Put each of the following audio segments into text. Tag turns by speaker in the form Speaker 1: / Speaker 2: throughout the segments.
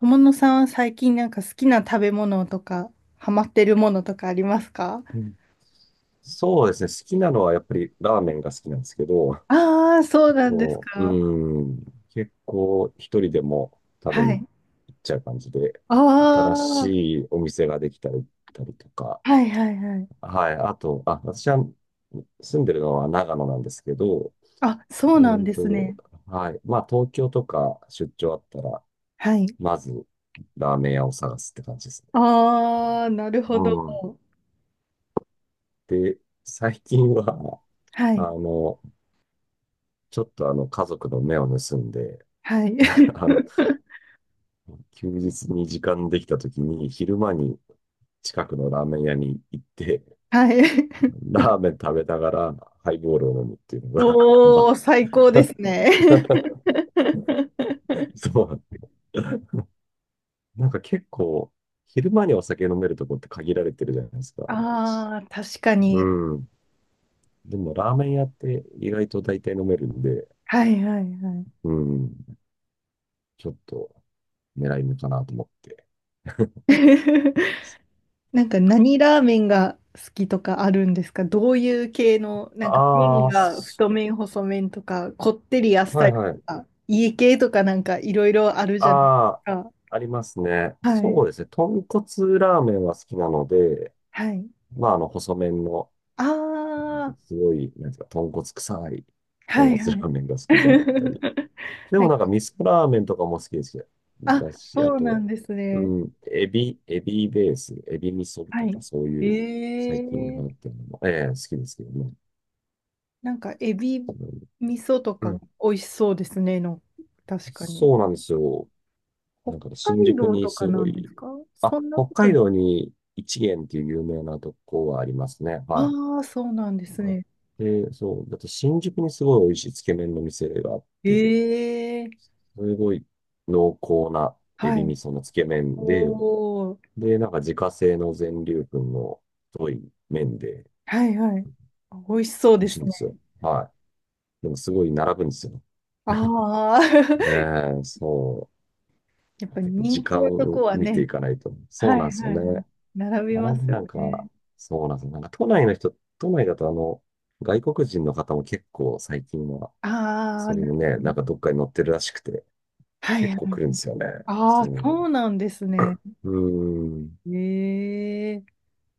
Speaker 1: 友野さんは最近なんか好きな食べ物とか、ハマってるものとかありますか？
Speaker 2: うんそうですね。好きなのはやっぱりラーメンが好きなんですけど、
Speaker 1: ああー、そうなんです
Speaker 2: こう、
Speaker 1: か。
Speaker 2: うん、結構一人でも食べ
Speaker 1: は
Speaker 2: に
Speaker 1: い。
Speaker 2: 行っちゃう感じで、
Speaker 1: ああ、
Speaker 2: 新
Speaker 1: は
Speaker 2: しいお店ができたり、行ったりとか。
Speaker 1: いはいはい。
Speaker 2: はい。あと、私は住んでるのは長野なんですけど、
Speaker 1: あ、そ
Speaker 2: え
Speaker 1: うなん
Speaker 2: ー
Speaker 1: です
Speaker 2: と、
Speaker 1: ね。
Speaker 2: はい。まあ、東京とか出張あったら、
Speaker 1: はい。
Speaker 2: まず、ラーメン屋を探すって感じですね。
Speaker 1: ああ、なるほど。
Speaker 2: うん。で、最近は、
Speaker 1: は
Speaker 2: あ
Speaker 1: い。
Speaker 2: の、ちょっとあの、家族の目を盗んで、
Speaker 1: はい。
Speaker 2: あの、休日に時間できた時に、昼間に近くのラーメン屋に行って、
Speaker 1: はい。
Speaker 2: ラーメン食べながら、ハイボールを飲むっていうのが、
Speaker 1: おー、最高
Speaker 2: あ、
Speaker 1: ですね。
Speaker 2: そう。結構、昼間にお酒飲めるとこって限られてるじゃないですか。
Speaker 1: ああ、確か
Speaker 2: う
Speaker 1: に。
Speaker 2: ん。でも、ラーメン屋って意外と大体飲めるんで、
Speaker 1: はいはいはい。
Speaker 2: うん、ちょっと狙い目かなと思って。
Speaker 1: なんか何ラーメンが好きとかあるんですか？どういう系の、なんか麺
Speaker 2: ああ、
Speaker 1: が太
Speaker 2: そ
Speaker 1: 麺、細麺とか、こってりあっ
Speaker 2: う、は
Speaker 1: さり
Speaker 2: いは
Speaker 1: と
Speaker 2: い。
Speaker 1: か、家系とかなんかいろいろあるじゃないです
Speaker 2: ああ、
Speaker 1: か。
Speaker 2: ありますね。
Speaker 1: はい。
Speaker 2: そうですね。豚骨ラーメンは好きなので、
Speaker 1: はい。
Speaker 2: 細麺の、
Speaker 1: ああ、
Speaker 2: すごい、なんですか、豚骨臭い
Speaker 1: は
Speaker 2: 豚骨
Speaker 1: いは
Speaker 2: ラ
Speaker 1: い。
Speaker 2: ーメンが好きだったり、で
Speaker 1: な
Speaker 2: も
Speaker 1: ん
Speaker 2: な
Speaker 1: か、
Speaker 2: んか味噌ラーメンとかも好きですよ。
Speaker 1: あ、
Speaker 2: だし、あ
Speaker 1: そうな
Speaker 2: と、
Speaker 1: んですね。
Speaker 2: うん、エビベース、エビ味噌と
Speaker 1: は
Speaker 2: かそう
Speaker 1: い。
Speaker 2: いう最近流
Speaker 1: え
Speaker 2: 行っ
Speaker 1: え、
Speaker 2: てるのも、ええ好きですけどね。
Speaker 1: なんかエビ味噌と
Speaker 2: う
Speaker 1: か
Speaker 2: ん。
Speaker 1: 美味しそうですね。の、確かに。
Speaker 2: そうなんですよ。
Speaker 1: 北
Speaker 2: なんか新
Speaker 1: 海
Speaker 2: 宿
Speaker 1: 道
Speaker 2: に
Speaker 1: とか
Speaker 2: す
Speaker 1: な
Speaker 2: ご
Speaker 1: んで
Speaker 2: い、
Speaker 1: すか？
Speaker 2: あ、
Speaker 1: そんな
Speaker 2: 北
Speaker 1: こ
Speaker 2: 海
Speaker 1: と、
Speaker 2: 道に一元っていう有名なとこはありますね。はい。
Speaker 1: ああ、そうなんです
Speaker 2: あ
Speaker 1: ね。
Speaker 2: で、そう、だって新宿にすごい美味しいつけ麺の店があって、
Speaker 1: ええ、
Speaker 2: すごい濃厚なエ
Speaker 1: は
Speaker 2: ビ味
Speaker 1: い。
Speaker 2: 噌のつけ麺で、
Speaker 1: おお、
Speaker 2: で、なんか自家製の全粒粉の太い麺で
Speaker 1: はいはい。美味しそう
Speaker 2: 美
Speaker 1: で
Speaker 2: 味し
Speaker 1: す
Speaker 2: いんです
Speaker 1: ね。
Speaker 2: よ。はい。でもすごい並ぶんですよ。
Speaker 1: ああ、
Speaker 2: え え、そ
Speaker 1: やっ
Speaker 2: う。
Speaker 1: ぱり
Speaker 2: 結構
Speaker 1: 人
Speaker 2: 時
Speaker 1: 気
Speaker 2: 間
Speaker 1: のとこ
Speaker 2: を
Speaker 1: は
Speaker 2: 見て
Speaker 1: ね、
Speaker 2: いかないと。そ
Speaker 1: は
Speaker 2: う
Speaker 1: い
Speaker 2: なんです
Speaker 1: は
Speaker 2: よ
Speaker 1: いはい。
Speaker 2: ね。
Speaker 1: 並びま
Speaker 2: 並び
Speaker 1: すよ
Speaker 2: なん
Speaker 1: ね。
Speaker 2: か、そうなんですよ。都内だと外国人の方も結構最近は、
Speaker 1: ああ、
Speaker 2: そうい
Speaker 1: な
Speaker 2: う
Speaker 1: る
Speaker 2: のね、
Speaker 1: ほど。
Speaker 2: なんかどっかに乗ってるらしくて、
Speaker 1: はい
Speaker 2: 結
Speaker 1: はい。
Speaker 2: 構来るんですよね。
Speaker 1: あ
Speaker 2: そ
Speaker 1: あ、そうなんですね。
Speaker 2: う。うーん。
Speaker 1: ええ、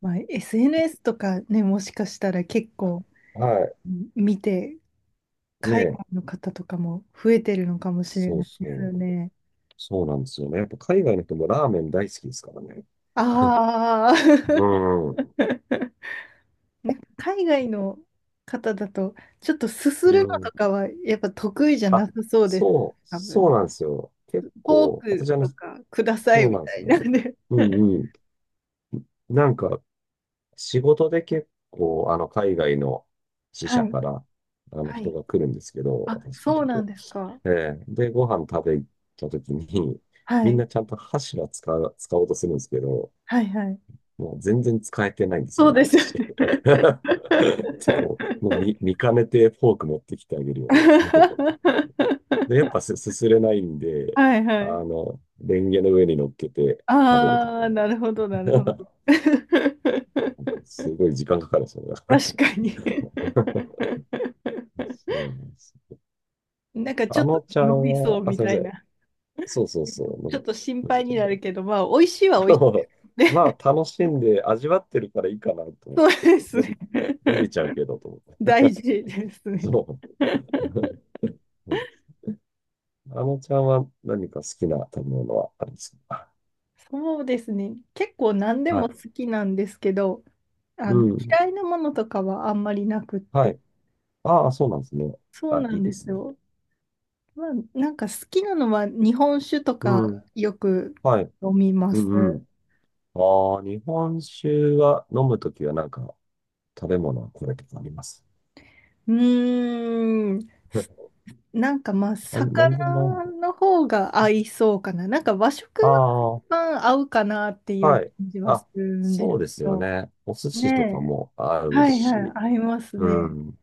Speaker 1: まあ、SNS とかね、もしかしたら結構
Speaker 2: は
Speaker 1: 見て、
Speaker 2: い。ね
Speaker 1: 海
Speaker 2: え。
Speaker 1: 外の方とかも増えてるのかもしれ
Speaker 2: そ
Speaker 1: な
Speaker 2: う
Speaker 1: いです
Speaker 2: そ
Speaker 1: よ
Speaker 2: う。
Speaker 1: ね。
Speaker 2: そうなんですよね。やっぱ海外の人もラーメン大好きですからね。
Speaker 1: ああ。
Speaker 2: うん。
Speaker 1: なんか海外の方だと、ちょっとすす
Speaker 2: う
Speaker 1: るのと
Speaker 2: ん。
Speaker 1: かはやっぱ得意じゃな
Speaker 2: あ、
Speaker 1: さそうです。多分
Speaker 2: そう
Speaker 1: ね。
Speaker 2: なんですよ。結
Speaker 1: フォー
Speaker 2: 構、私
Speaker 1: ク
Speaker 2: あの、
Speaker 1: とかくださ
Speaker 2: そ
Speaker 1: い
Speaker 2: うな
Speaker 1: み
Speaker 2: んで
Speaker 1: た
Speaker 2: す
Speaker 1: い
Speaker 2: よ
Speaker 1: な
Speaker 2: ね。
Speaker 1: んで。
Speaker 2: うん うん。なんか、仕事で結構、海外の支
Speaker 1: は
Speaker 2: 社
Speaker 1: い。
Speaker 2: から、
Speaker 1: は
Speaker 2: 人
Speaker 1: い。
Speaker 2: が来るんですけど、
Speaker 1: あ、
Speaker 2: 私の
Speaker 1: そ
Speaker 2: と
Speaker 1: うなん
Speaker 2: こ。
Speaker 1: ですか。
Speaker 2: えで、ご飯食べ行った時に、
Speaker 1: は
Speaker 2: みん
Speaker 1: い。
Speaker 2: なちゃんと箸は使う、使おうとするんですけど、
Speaker 1: はいはい。
Speaker 2: もう全然使えてないんですよ
Speaker 1: そう
Speaker 2: ね、
Speaker 1: ですよ
Speaker 2: 箸。
Speaker 1: ね。
Speaker 2: でも、もう見、見かねてフォーク持ってきてあげるよって言って。で、やっぱすすすれないんで、
Speaker 1: はいは
Speaker 2: あ
Speaker 1: い。
Speaker 2: の、レンゲの上に乗っけて食べると
Speaker 1: あ
Speaker 2: か、
Speaker 1: あ、なるほどなるほど。
Speaker 2: すごい時間かかるんですよね。
Speaker 1: 確かに。
Speaker 2: そうなんです。
Speaker 1: なんかちょ
Speaker 2: あ
Speaker 1: っと
Speaker 2: のちゃ
Speaker 1: 伸
Speaker 2: ん
Speaker 1: びそ
Speaker 2: は、
Speaker 1: う
Speaker 2: あ、
Speaker 1: み
Speaker 2: すいま
Speaker 1: た
Speaker 2: せ
Speaker 1: い
Speaker 2: ん。
Speaker 1: な。
Speaker 2: そうそうそう、の
Speaker 1: ちょ
Speaker 2: び、
Speaker 1: っと心
Speaker 2: のび
Speaker 1: 配
Speaker 2: ちゃ
Speaker 1: にな
Speaker 2: んだ。
Speaker 1: るけど、まあ、美味しいは
Speaker 2: で
Speaker 1: 美味し
Speaker 2: も
Speaker 1: い。
Speaker 2: ま
Speaker 1: ね、
Speaker 2: あ、楽しんで味わってるからいいかなと 思っ
Speaker 1: そう
Speaker 2: て、
Speaker 1: ですね。
Speaker 2: のびちゃうけどと思っ
Speaker 1: 大
Speaker 2: て。
Speaker 1: 事です ね。
Speaker 2: そう。そうです。あのちゃんは何か好きな食べ物はあるんですか？
Speaker 1: そうですね。結構何で
Speaker 2: は
Speaker 1: も
Speaker 2: い。
Speaker 1: 好きなんですけど、
Speaker 2: うん。
Speaker 1: 嫌いなものとかはあんまりなくっ
Speaker 2: は
Speaker 1: て。
Speaker 2: い。ああ、そうなんですね。
Speaker 1: そう
Speaker 2: あ、
Speaker 1: な
Speaker 2: いい
Speaker 1: ん
Speaker 2: で
Speaker 1: で
Speaker 2: す
Speaker 1: す
Speaker 2: ね。
Speaker 1: よ。まあ、なんか好きなのは日本酒と
Speaker 2: う
Speaker 1: か
Speaker 2: ん。
Speaker 1: よく
Speaker 2: はい。
Speaker 1: 飲みま
Speaker 2: う
Speaker 1: す。
Speaker 2: んうん。ああ、日本酒は飲むときはなんか食べ物はこれとかあります？
Speaker 1: うーん。なんか、まあ、
Speaker 2: なんでも合
Speaker 1: 魚
Speaker 2: う。
Speaker 1: の方が合いそうかな。なんか和食は一
Speaker 2: あ
Speaker 1: 番合うかなってい
Speaker 2: あ、
Speaker 1: う
Speaker 2: はい。
Speaker 1: 感じはす
Speaker 2: あ、
Speaker 1: るんで
Speaker 2: そ
Speaker 1: す
Speaker 2: うで
Speaker 1: け
Speaker 2: すよ
Speaker 1: ど。
Speaker 2: ね。お寿司とか
Speaker 1: ね
Speaker 2: も合
Speaker 1: え。
Speaker 2: う
Speaker 1: はいは
Speaker 2: し。
Speaker 1: い、合います
Speaker 2: う
Speaker 1: ね。
Speaker 2: ん。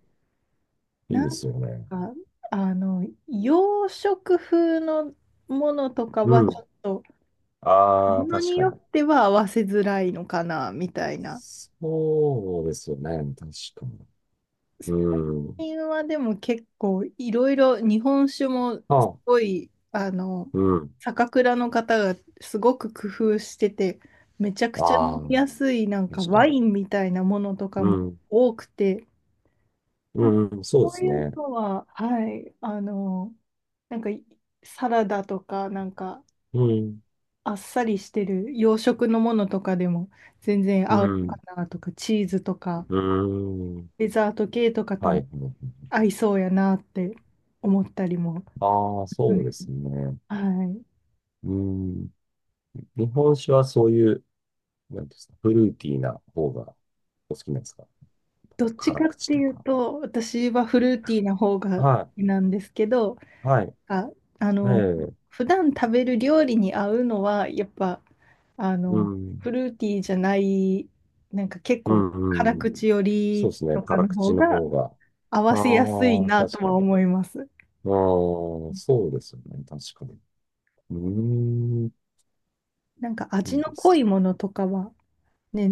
Speaker 2: いい
Speaker 1: な
Speaker 2: で
Speaker 1: ん
Speaker 2: すよね。
Speaker 1: か、洋食風のものとかは
Speaker 2: う
Speaker 1: ちょ
Speaker 2: ん。
Speaker 1: っと、
Speaker 2: あ
Speaker 1: も
Speaker 2: あ、
Speaker 1: の
Speaker 2: 確
Speaker 1: に
Speaker 2: か
Speaker 1: よ
Speaker 2: に。
Speaker 1: っては合わせづらいのかな、みたいな。
Speaker 2: そうですよね。確かに。うん。
Speaker 1: 最近はでも結構いろいろ日本酒もす
Speaker 2: あ、
Speaker 1: ごい、
Speaker 2: うん。
Speaker 1: 酒蔵の方がすごく工夫してて、めちゃくちゃ飲
Speaker 2: ああ、
Speaker 1: みやすい、なんか
Speaker 2: 確か
Speaker 1: ワ
Speaker 2: に。
Speaker 1: インみたいなものとか
Speaker 2: う
Speaker 1: も
Speaker 2: ん。
Speaker 1: 多くて、なんか
Speaker 2: うん、そう
Speaker 1: そ
Speaker 2: で
Speaker 1: う
Speaker 2: す
Speaker 1: いう
Speaker 2: ね。
Speaker 1: のは、はい、なんか、サラダとかなんか
Speaker 2: うん。
Speaker 1: あっさりしてる洋食のものとかでも全然
Speaker 2: う
Speaker 1: 合うのか
Speaker 2: ん。
Speaker 1: な、とかチーズとか
Speaker 2: うん。
Speaker 1: デザート系とかと
Speaker 2: はい。
Speaker 1: も
Speaker 2: はいはい。
Speaker 1: 合いそうやなって思ったりも。
Speaker 2: ああ、
Speaker 1: う
Speaker 2: そう
Speaker 1: ん、
Speaker 2: ですね。
Speaker 1: はい。
Speaker 2: うん。日本酒はそういう、なんていうんですか、フルーティーな方がお好きなんですか？
Speaker 1: どっち
Speaker 2: 辛
Speaker 1: かっ
Speaker 2: 口
Speaker 1: て
Speaker 2: と
Speaker 1: いう
Speaker 2: か。
Speaker 1: と、私はフルーティーな方が好
Speaker 2: は
Speaker 1: きなんですけど、
Speaker 2: い。はい。
Speaker 1: あ、あ
Speaker 2: え
Speaker 1: の、
Speaker 2: え。
Speaker 1: 普段食べる料理に合うのは、やっぱ、あ
Speaker 2: う
Speaker 1: の、
Speaker 2: ん。
Speaker 1: フルーティーじゃない、なんか結
Speaker 2: う
Speaker 1: 構辛
Speaker 2: ん。うん。
Speaker 1: 口よ
Speaker 2: そう
Speaker 1: り
Speaker 2: ですね。
Speaker 1: とか
Speaker 2: 辛
Speaker 1: の方
Speaker 2: 口の
Speaker 1: が
Speaker 2: 方が。
Speaker 1: 合わせやすい
Speaker 2: ああ、
Speaker 1: な
Speaker 2: 確
Speaker 1: と
Speaker 2: か
Speaker 1: は
Speaker 2: に。
Speaker 1: 思います。
Speaker 2: ああ、そうですよね。確かに。うーん。
Speaker 1: なんか
Speaker 2: い
Speaker 1: 味
Speaker 2: い
Speaker 1: の
Speaker 2: で
Speaker 1: 濃
Speaker 2: すね。
Speaker 1: いものとかは、ね、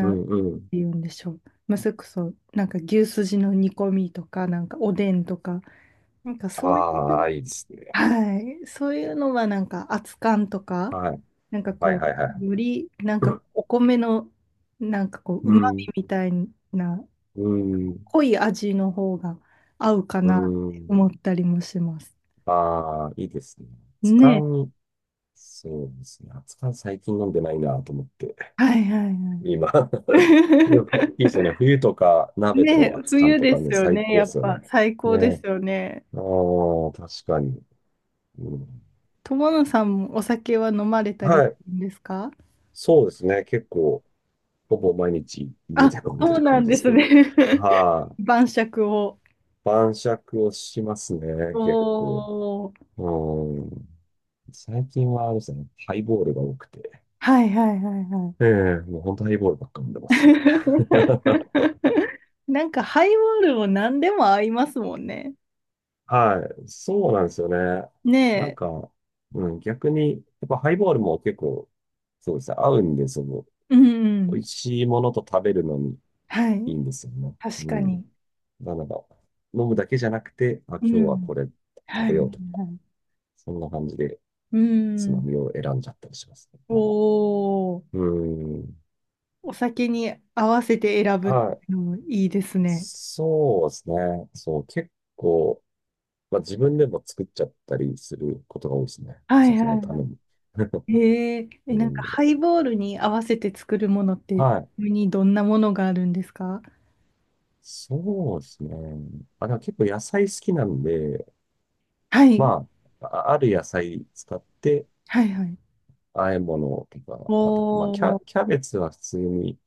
Speaker 2: う
Speaker 1: んて
Speaker 2: んうん。
Speaker 1: 言うんでしょう。まあ、それこそ、なんか牛すじの煮込みとか、なんかおでんとか、なんかそうい
Speaker 2: あ
Speaker 1: う、
Speaker 2: あ、いいですね。
Speaker 1: はい。そういうのはなんか熱燗とか、
Speaker 2: はい。
Speaker 1: なんか
Speaker 2: はい
Speaker 1: こ
Speaker 2: はいは
Speaker 1: う、
Speaker 2: い。
Speaker 1: よりなんかお米のなんかこう、う
Speaker 2: う
Speaker 1: まみ
Speaker 2: ん。
Speaker 1: みたいな
Speaker 2: うん。
Speaker 1: 濃い味の方が合うか
Speaker 2: う
Speaker 1: なって
Speaker 2: ん。
Speaker 1: 思ったりもします。
Speaker 2: ああ、いいですね。熱
Speaker 1: ね。
Speaker 2: 燗、そうですね。熱燗最近飲んでないなと思って、
Speaker 1: はいはいはい。
Speaker 2: 今。でも、いいですよね。冬とか鍋
Speaker 1: ね、
Speaker 2: と熱燗
Speaker 1: 冬
Speaker 2: と
Speaker 1: で
Speaker 2: か
Speaker 1: す
Speaker 2: ね、
Speaker 1: よ
Speaker 2: 最
Speaker 1: ね。
Speaker 2: 高
Speaker 1: や
Speaker 2: です
Speaker 1: っ
Speaker 2: よ
Speaker 1: ぱ
Speaker 2: ね。
Speaker 1: 最高です
Speaker 2: ね。
Speaker 1: よね。
Speaker 2: ああ、確かに、うん。
Speaker 1: 友野さんもお酒は飲まれたりす
Speaker 2: はい。
Speaker 1: るんですか？
Speaker 2: そうですね。結構、ほぼ毎日家
Speaker 1: あ、
Speaker 2: で飲んで
Speaker 1: そう
Speaker 2: る
Speaker 1: な
Speaker 2: 感
Speaker 1: ん
Speaker 2: じで
Speaker 1: で
Speaker 2: す
Speaker 1: す
Speaker 2: けど。
Speaker 1: ね。
Speaker 2: はい、
Speaker 1: 晩酌を。
Speaker 2: 晩酌をします
Speaker 1: お
Speaker 2: ね。結構。
Speaker 1: お。
Speaker 2: うん。最近はあれですね。ハイボールが多くて。
Speaker 1: はいはいはいはい。
Speaker 2: ええもう本当ハイボールばっか飲んでますね。
Speaker 1: なんかハイボールも何でも合いますもんね。
Speaker 2: はい。そうなんですよね。
Speaker 1: ね
Speaker 2: なん
Speaker 1: え。
Speaker 2: か、うん、逆に、やっぱハイボールも結構、そうですね、合うんで、その、
Speaker 1: うんう
Speaker 2: 美味
Speaker 1: ん。
Speaker 2: しいものと食べるのに
Speaker 1: はい。
Speaker 2: いいんですよね。
Speaker 1: 確
Speaker 2: う
Speaker 1: か
Speaker 2: ん。
Speaker 1: に。
Speaker 2: なので、飲むだけじゃなくて、あ、今
Speaker 1: う
Speaker 2: 日は
Speaker 1: ん。
Speaker 2: これ食
Speaker 1: はい
Speaker 2: べ
Speaker 1: はい
Speaker 2: ようとか、
Speaker 1: はい。
Speaker 2: そんな感じで
Speaker 1: う
Speaker 2: つま
Speaker 1: ん。
Speaker 2: みを選んじゃったりしますね。はい。
Speaker 1: おー。
Speaker 2: うん。
Speaker 1: お酒に合わせて選ぶってい
Speaker 2: はい。
Speaker 1: うのもいいですね。
Speaker 2: そうですね。そう、結構、まあ、自分でも作っちゃったりすることが多いですね。お
Speaker 1: はいはい
Speaker 2: 酒のた
Speaker 1: は
Speaker 2: めに。
Speaker 1: い。へえ。え、
Speaker 2: う
Speaker 1: なんか
Speaker 2: ん。
Speaker 1: ハイボールに合わせて作るものって、
Speaker 2: はい。
Speaker 1: にどんなものがあるんですか？
Speaker 2: そうですね。あ、でも結構野菜好きなんで、
Speaker 1: はい。
Speaker 2: まあ、ある野菜使って
Speaker 1: はいはい。
Speaker 2: 和え物とか、あと、まあ、
Speaker 1: おー。
Speaker 2: キャベツは普通に、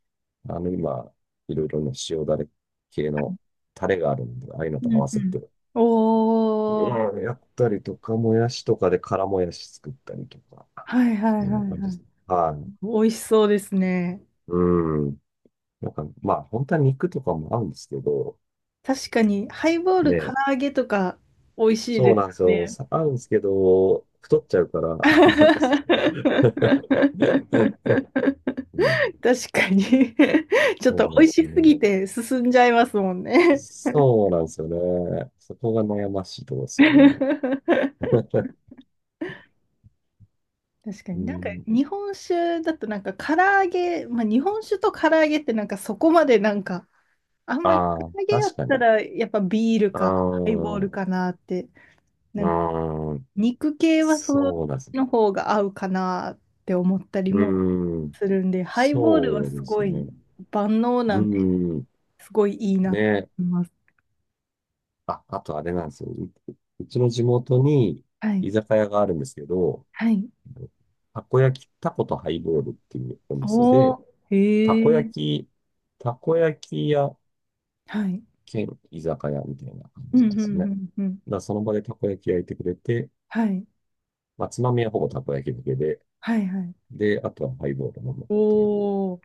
Speaker 2: あの、今、いろいろね、塩だれ系のタレがあるんで、ああいうの
Speaker 1: う
Speaker 2: と合
Speaker 1: ん
Speaker 2: わ
Speaker 1: う
Speaker 2: せ
Speaker 1: ん。
Speaker 2: て、
Speaker 1: おー、
Speaker 2: うん、やったりとか、もやしとかで辛もやし作ったりとか、
Speaker 1: はいは
Speaker 2: そ
Speaker 1: いはい
Speaker 2: んな感じで
Speaker 1: はい。
Speaker 2: す。はい。
Speaker 1: 美味しそうですね。
Speaker 2: うん。本当は肉とかも合うんですけど、
Speaker 1: 確かに、ハイボール、唐
Speaker 2: ね。
Speaker 1: 揚げとか、美味しい
Speaker 2: そ
Speaker 1: で
Speaker 2: う
Speaker 1: す
Speaker 2: なんで
Speaker 1: よ
Speaker 2: すよ。
Speaker 1: ね。
Speaker 2: 下がるんですけど、太っちゃうから、
Speaker 1: 確
Speaker 2: あんまりそう。うん。
Speaker 1: かに ちょっ
Speaker 2: そ
Speaker 1: と
Speaker 2: うなん
Speaker 1: 美
Speaker 2: で
Speaker 1: 味
Speaker 2: す
Speaker 1: し
Speaker 2: よ
Speaker 1: す
Speaker 2: ね。
Speaker 1: ぎて進んじゃいますもんね。
Speaker 2: そうなんですよね。そこが悩ましいところで すよね。
Speaker 1: 確 か
Speaker 2: う
Speaker 1: に、なんか
Speaker 2: ん。
Speaker 1: 日本酒だとなんか唐揚げ、まあ、日本酒と唐揚げってなんかそこまで、なんか、あんまり唐
Speaker 2: ああ、
Speaker 1: 揚げや
Speaker 2: 確
Speaker 1: っ
Speaker 2: か
Speaker 1: た
Speaker 2: に。
Speaker 1: ら、やっぱビール
Speaker 2: あ
Speaker 1: かハイボ
Speaker 2: あ、
Speaker 1: ール
Speaker 2: う
Speaker 1: かなって、なんか
Speaker 2: ーん。
Speaker 1: 肉系はそっ
Speaker 2: そうなんです。
Speaker 1: ちの方が合うかなって思ったり
Speaker 2: う
Speaker 1: も
Speaker 2: ーん。
Speaker 1: するんで、ハイボールは
Speaker 2: そう
Speaker 1: す
Speaker 2: です
Speaker 1: ご
Speaker 2: ね。
Speaker 1: い万能な
Speaker 2: う
Speaker 1: んで、
Speaker 2: ーん。
Speaker 1: すごいいいなと
Speaker 2: ね。
Speaker 1: 思います。
Speaker 2: あ、あとあれなんですよ。うちの地元に
Speaker 1: はい、
Speaker 2: 居酒屋があるんですけど、
Speaker 1: はい。
Speaker 2: たこ焼き、たことハイボールっていうお店
Speaker 1: お
Speaker 2: で、
Speaker 1: お、
Speaker 2: たこ
Speaker 1: へ
Speaker 2: 焼
Speaker 1: え、
Speaker 2: き、たこ焼き屋
Speaker 1: はい。
Speaker 2: 兼居酒屋みたいな感
Speaker 1: うん、
Speaker 2: じ
Speaker 1: う
Speaker 2: なん
Speaker 1: ん、
Speaker 2: ですよね。だ
Speaker 1: う
Speaker 2: か
Speaker 1: ん、うん。
Speaker 2: らその場でたこ焼き焼いてくれて、
Speaker 1: はい、
Speaker 2: まあ、つまみはほぼたこ焼きだけで、
Speaker 1: はい、はい。
Speaker 2: で、あとはハイボール飲むっていう
Speaker 1: おお、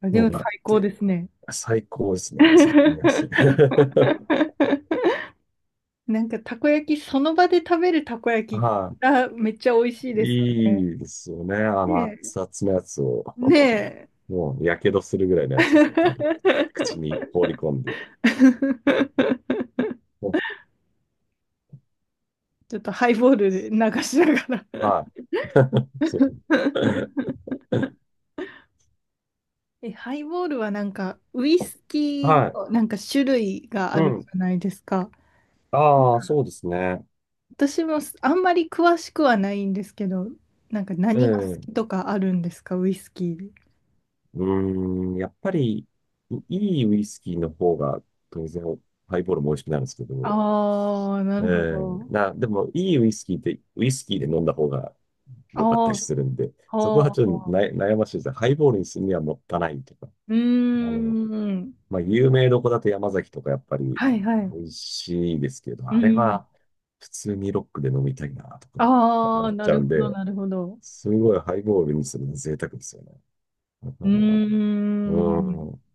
Speaker 1: あ、で
Speaker 2: の
Speaker 1: も
Speaker 2: があっ
Speaker 1: 最高で
Speaker 2: て、
Speaker 1: すね。
Speaker 2: 最高ですね、その組み合わせ。
Speaker 1: なんかたこ焼き、その場で食べるたこ焼き
Speaker 2: は
Speaker 1: がめっちゃ美味しい
Speaker 2: い、
Speaker 1: ですよね。
Speaker 2: いいですよね。あの、
Speaker 1: ね
Speaker 2: 熱々のやつを、
Speaker 1: え。ねえ
Speaker 2: もう、やけどするぐらいのやつを多分、口に放り込んで。も
Speaker 1: ちょっとハイボールで流しながら。
Speaker 2: うはい、そう。
Speaker 1: え、ハイボールはなんかウイスキー
Speaker 2: はい、
Speaker 1: のなんか種類があ
Speaker 2: う
Speaker 1: るじ
Speaker 2: ん。
Speaker 1: ゃないですか。
Speaker 2: ああ、そうですね。
Speaker 1: 私もあんまり詳しくはないんですけど、なんか何が好
Speaker 2: え
Speaker 1: き
Speaker 2: え
Speaker 1: とかあるんですか、ウイスキーで。
Speaker 2: うーん、やっぱり、いいウイスキーの方が、当然、ハイボールも美味しくなるんですけど、
Speaker 1: ああ、なるほど。
Speaker 2: でも、いいウイスキーって、ウイスキーで飲んだ方が良かっ
Speaker 1: あ
Speaker 2: たりするんで、
Speaker 1: あ、
Speaker 2: そこ
Speaker 1: あ
Speaker 2: はちょっとな
Speaker 1: あ。
Speaker 2: 悩ましいですね。ハイボールにするにはもったいないとか、
Speaker 1: うー
Speaker 2: あの、
Speaker 1: ん。
Speaker 2: まあ、有名どこだと山崎とかやっぱり
Speaker 1: はいはい。
Speaker 2: 美味しいですけど、
Speaker 1: う
Speaker 2: あれ
Speaker 1: ん。
Speaker 2: は普通にロックで飲みたいなとか
Speaker 1: あ
Speaker 2: 思
Speaker 1: あ、
Speaker 2: っ
Speaker 1: な
Speaker 2: ちゃ
Speaker 1: る
Speaker 2: うん
Speaker 1: ほど、
Speaker 2: で、
Speaker 1: なるほど。
Speaker 2: すごいハイボールにするのは贅沢ですよね。だか
Speaker 1: うー
Speaker 2: ら、
Speaker 1: ん。
Speaker 2: うん。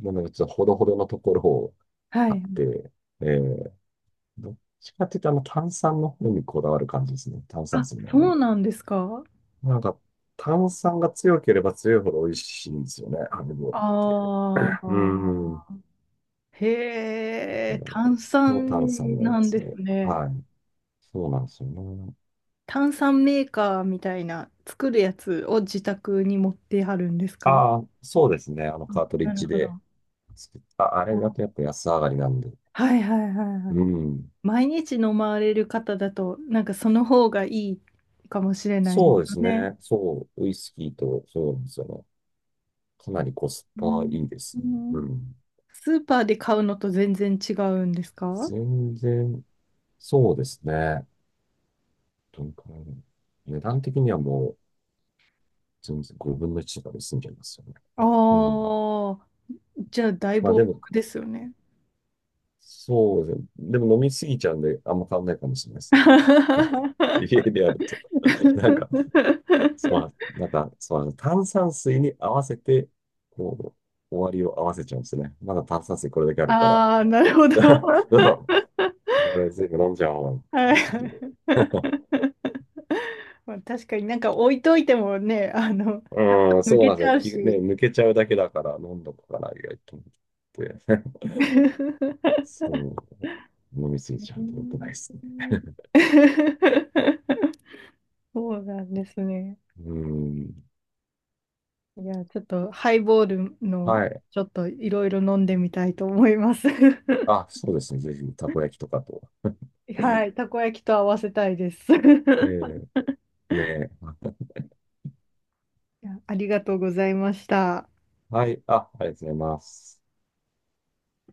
Speaker 2: もので、ちょっとほどほどのところを
Speaker 1: は
Speaker 2: 買っ
Speaker 1: い。
Speaker 2: て、えー、どっちかっていうと、あの、炭酸の方にこだわる感じですね。炭酸
Speaker 1: あ、
Speaker 2: 水の方
Speaker 1: そ
Speaker 2: に。
Speaker 1: うなんですか？
Speaker 2: なんか、炭酸が強ければ強いほど美味しいんですよね、ハネボールって。
Speaker 1: あ
Speaker 2: うん。だ
Speaker 1: あ。へ
Speaker 2: か
Speaker 1: え、
Speaker 2: ら
Speaker 1: 炭
Speaker 2: 強炭酸
Speaker 1: 酸
Speaker 2: のや
Speaker 1: なん
Speaker 2: つ
Speaker 1: です
Speaker 2: を。
Speaker 1: ね。
Speaker 2: はい。そうなんですよね。
Speaker 1: 炭酸メーカーみたいな作るやつを自宅に持ってはるんですか？
Speaker 2: ああ、そうですね。あの、
Speaker 1: あ、
Speaker 2: カートリッ
Speaker 1: なる
Speaker 2: ジ
Speaker 1: ほ
Speaker 2: で
Speaker 1: ど。
Speaker 2: 作った。あれだとやっ
Speaker 1: お、
Speaker 2: ぱ安上がりなんで。
Speaker 1: はいはいはいは
Speaker 2: う
Speaker 1: い。
Speaker 2: ん。
Speaker 1: 毎日飲まれる方だと、なんかその方がいいかもしれないです
Speaker 2: そうで
Speaker 1: よ
Speaker 2: す
Speaker 1: ね。
Speaker 2: ね。そう、ウイスキーと、そうなんですよね。かなりコス
Speaker 1: う
Speaker 2: パ
Speaker 1: ん、
Speaker 2: いいで
Speaker 1: う
Speaker 2: すね。う
Speaker 1: ん、
Speaker 2: ん。
Speaker 1: スーパーで買うのと全然違うんですか？
Speaker 2: 全然、そうですね。どんくらいだろう値段的にはもう、全然5分の1とかで済んじゃいますよね。うん。
Speaker 1: ああー、じゃあだい
Speaker 2: ま
Speaker 1: ぶ
Speaker 2: あ
Speaker 1: お
Speaker 2: でも、
Speaker 1: 得ですよね。
Speaker 2: そうですね。でも飲みすぎちゃうんで、あんま変わんないかもしれないですね。家 でやると、なんか、炭酸水に合わせて、こう、終わりを合わせちゃうんですね。まだ炭酸水これだけあるから。
Speaker 1: ああ、なるほど。
Speaker 2: だから、俺全部飲んじゃおうって
Speaker 1: は
Speaker 2: なっちゃうんで。
Speaker 1: い、まあ、確かになんか置いといてもね、
Speaker 2: うん、
Speaker 1: 抜
Speaker 2: そう
Speaker 1: け
Speaker 2: なん
Speaker 1: ち
Speaker 2: で
Speaker 1: ゃう
Speaker 2: すよ。きね、
Speaker 1: し。
Speaker 2: 抜けちゃうだけだから飲んどくかな意外と思って。そう。飲みすぎちゃ
Speaker 1: う
Speaker 2: うと良くないです
Speaker 1: ん、
Speaker 2: ね。
Speaker 1: そうなんですね。
Speaker 2: うん。
Speaker 1: いや、ちょっとハイボールの、
Speaker 2: はい。
Speaker 1: ちょっといろいろ飲んでみたいと思います。
Speaker 2: あ、そうですね。ぜひ、たこ焼きとかと。
Speaker 1: はい、たこ焼きと合わせたいです。い
Speaker 2: ええねえ。
Speaker 1: や、ありがとうございました。
Speaker 2: はい。あ、ありがとうございます。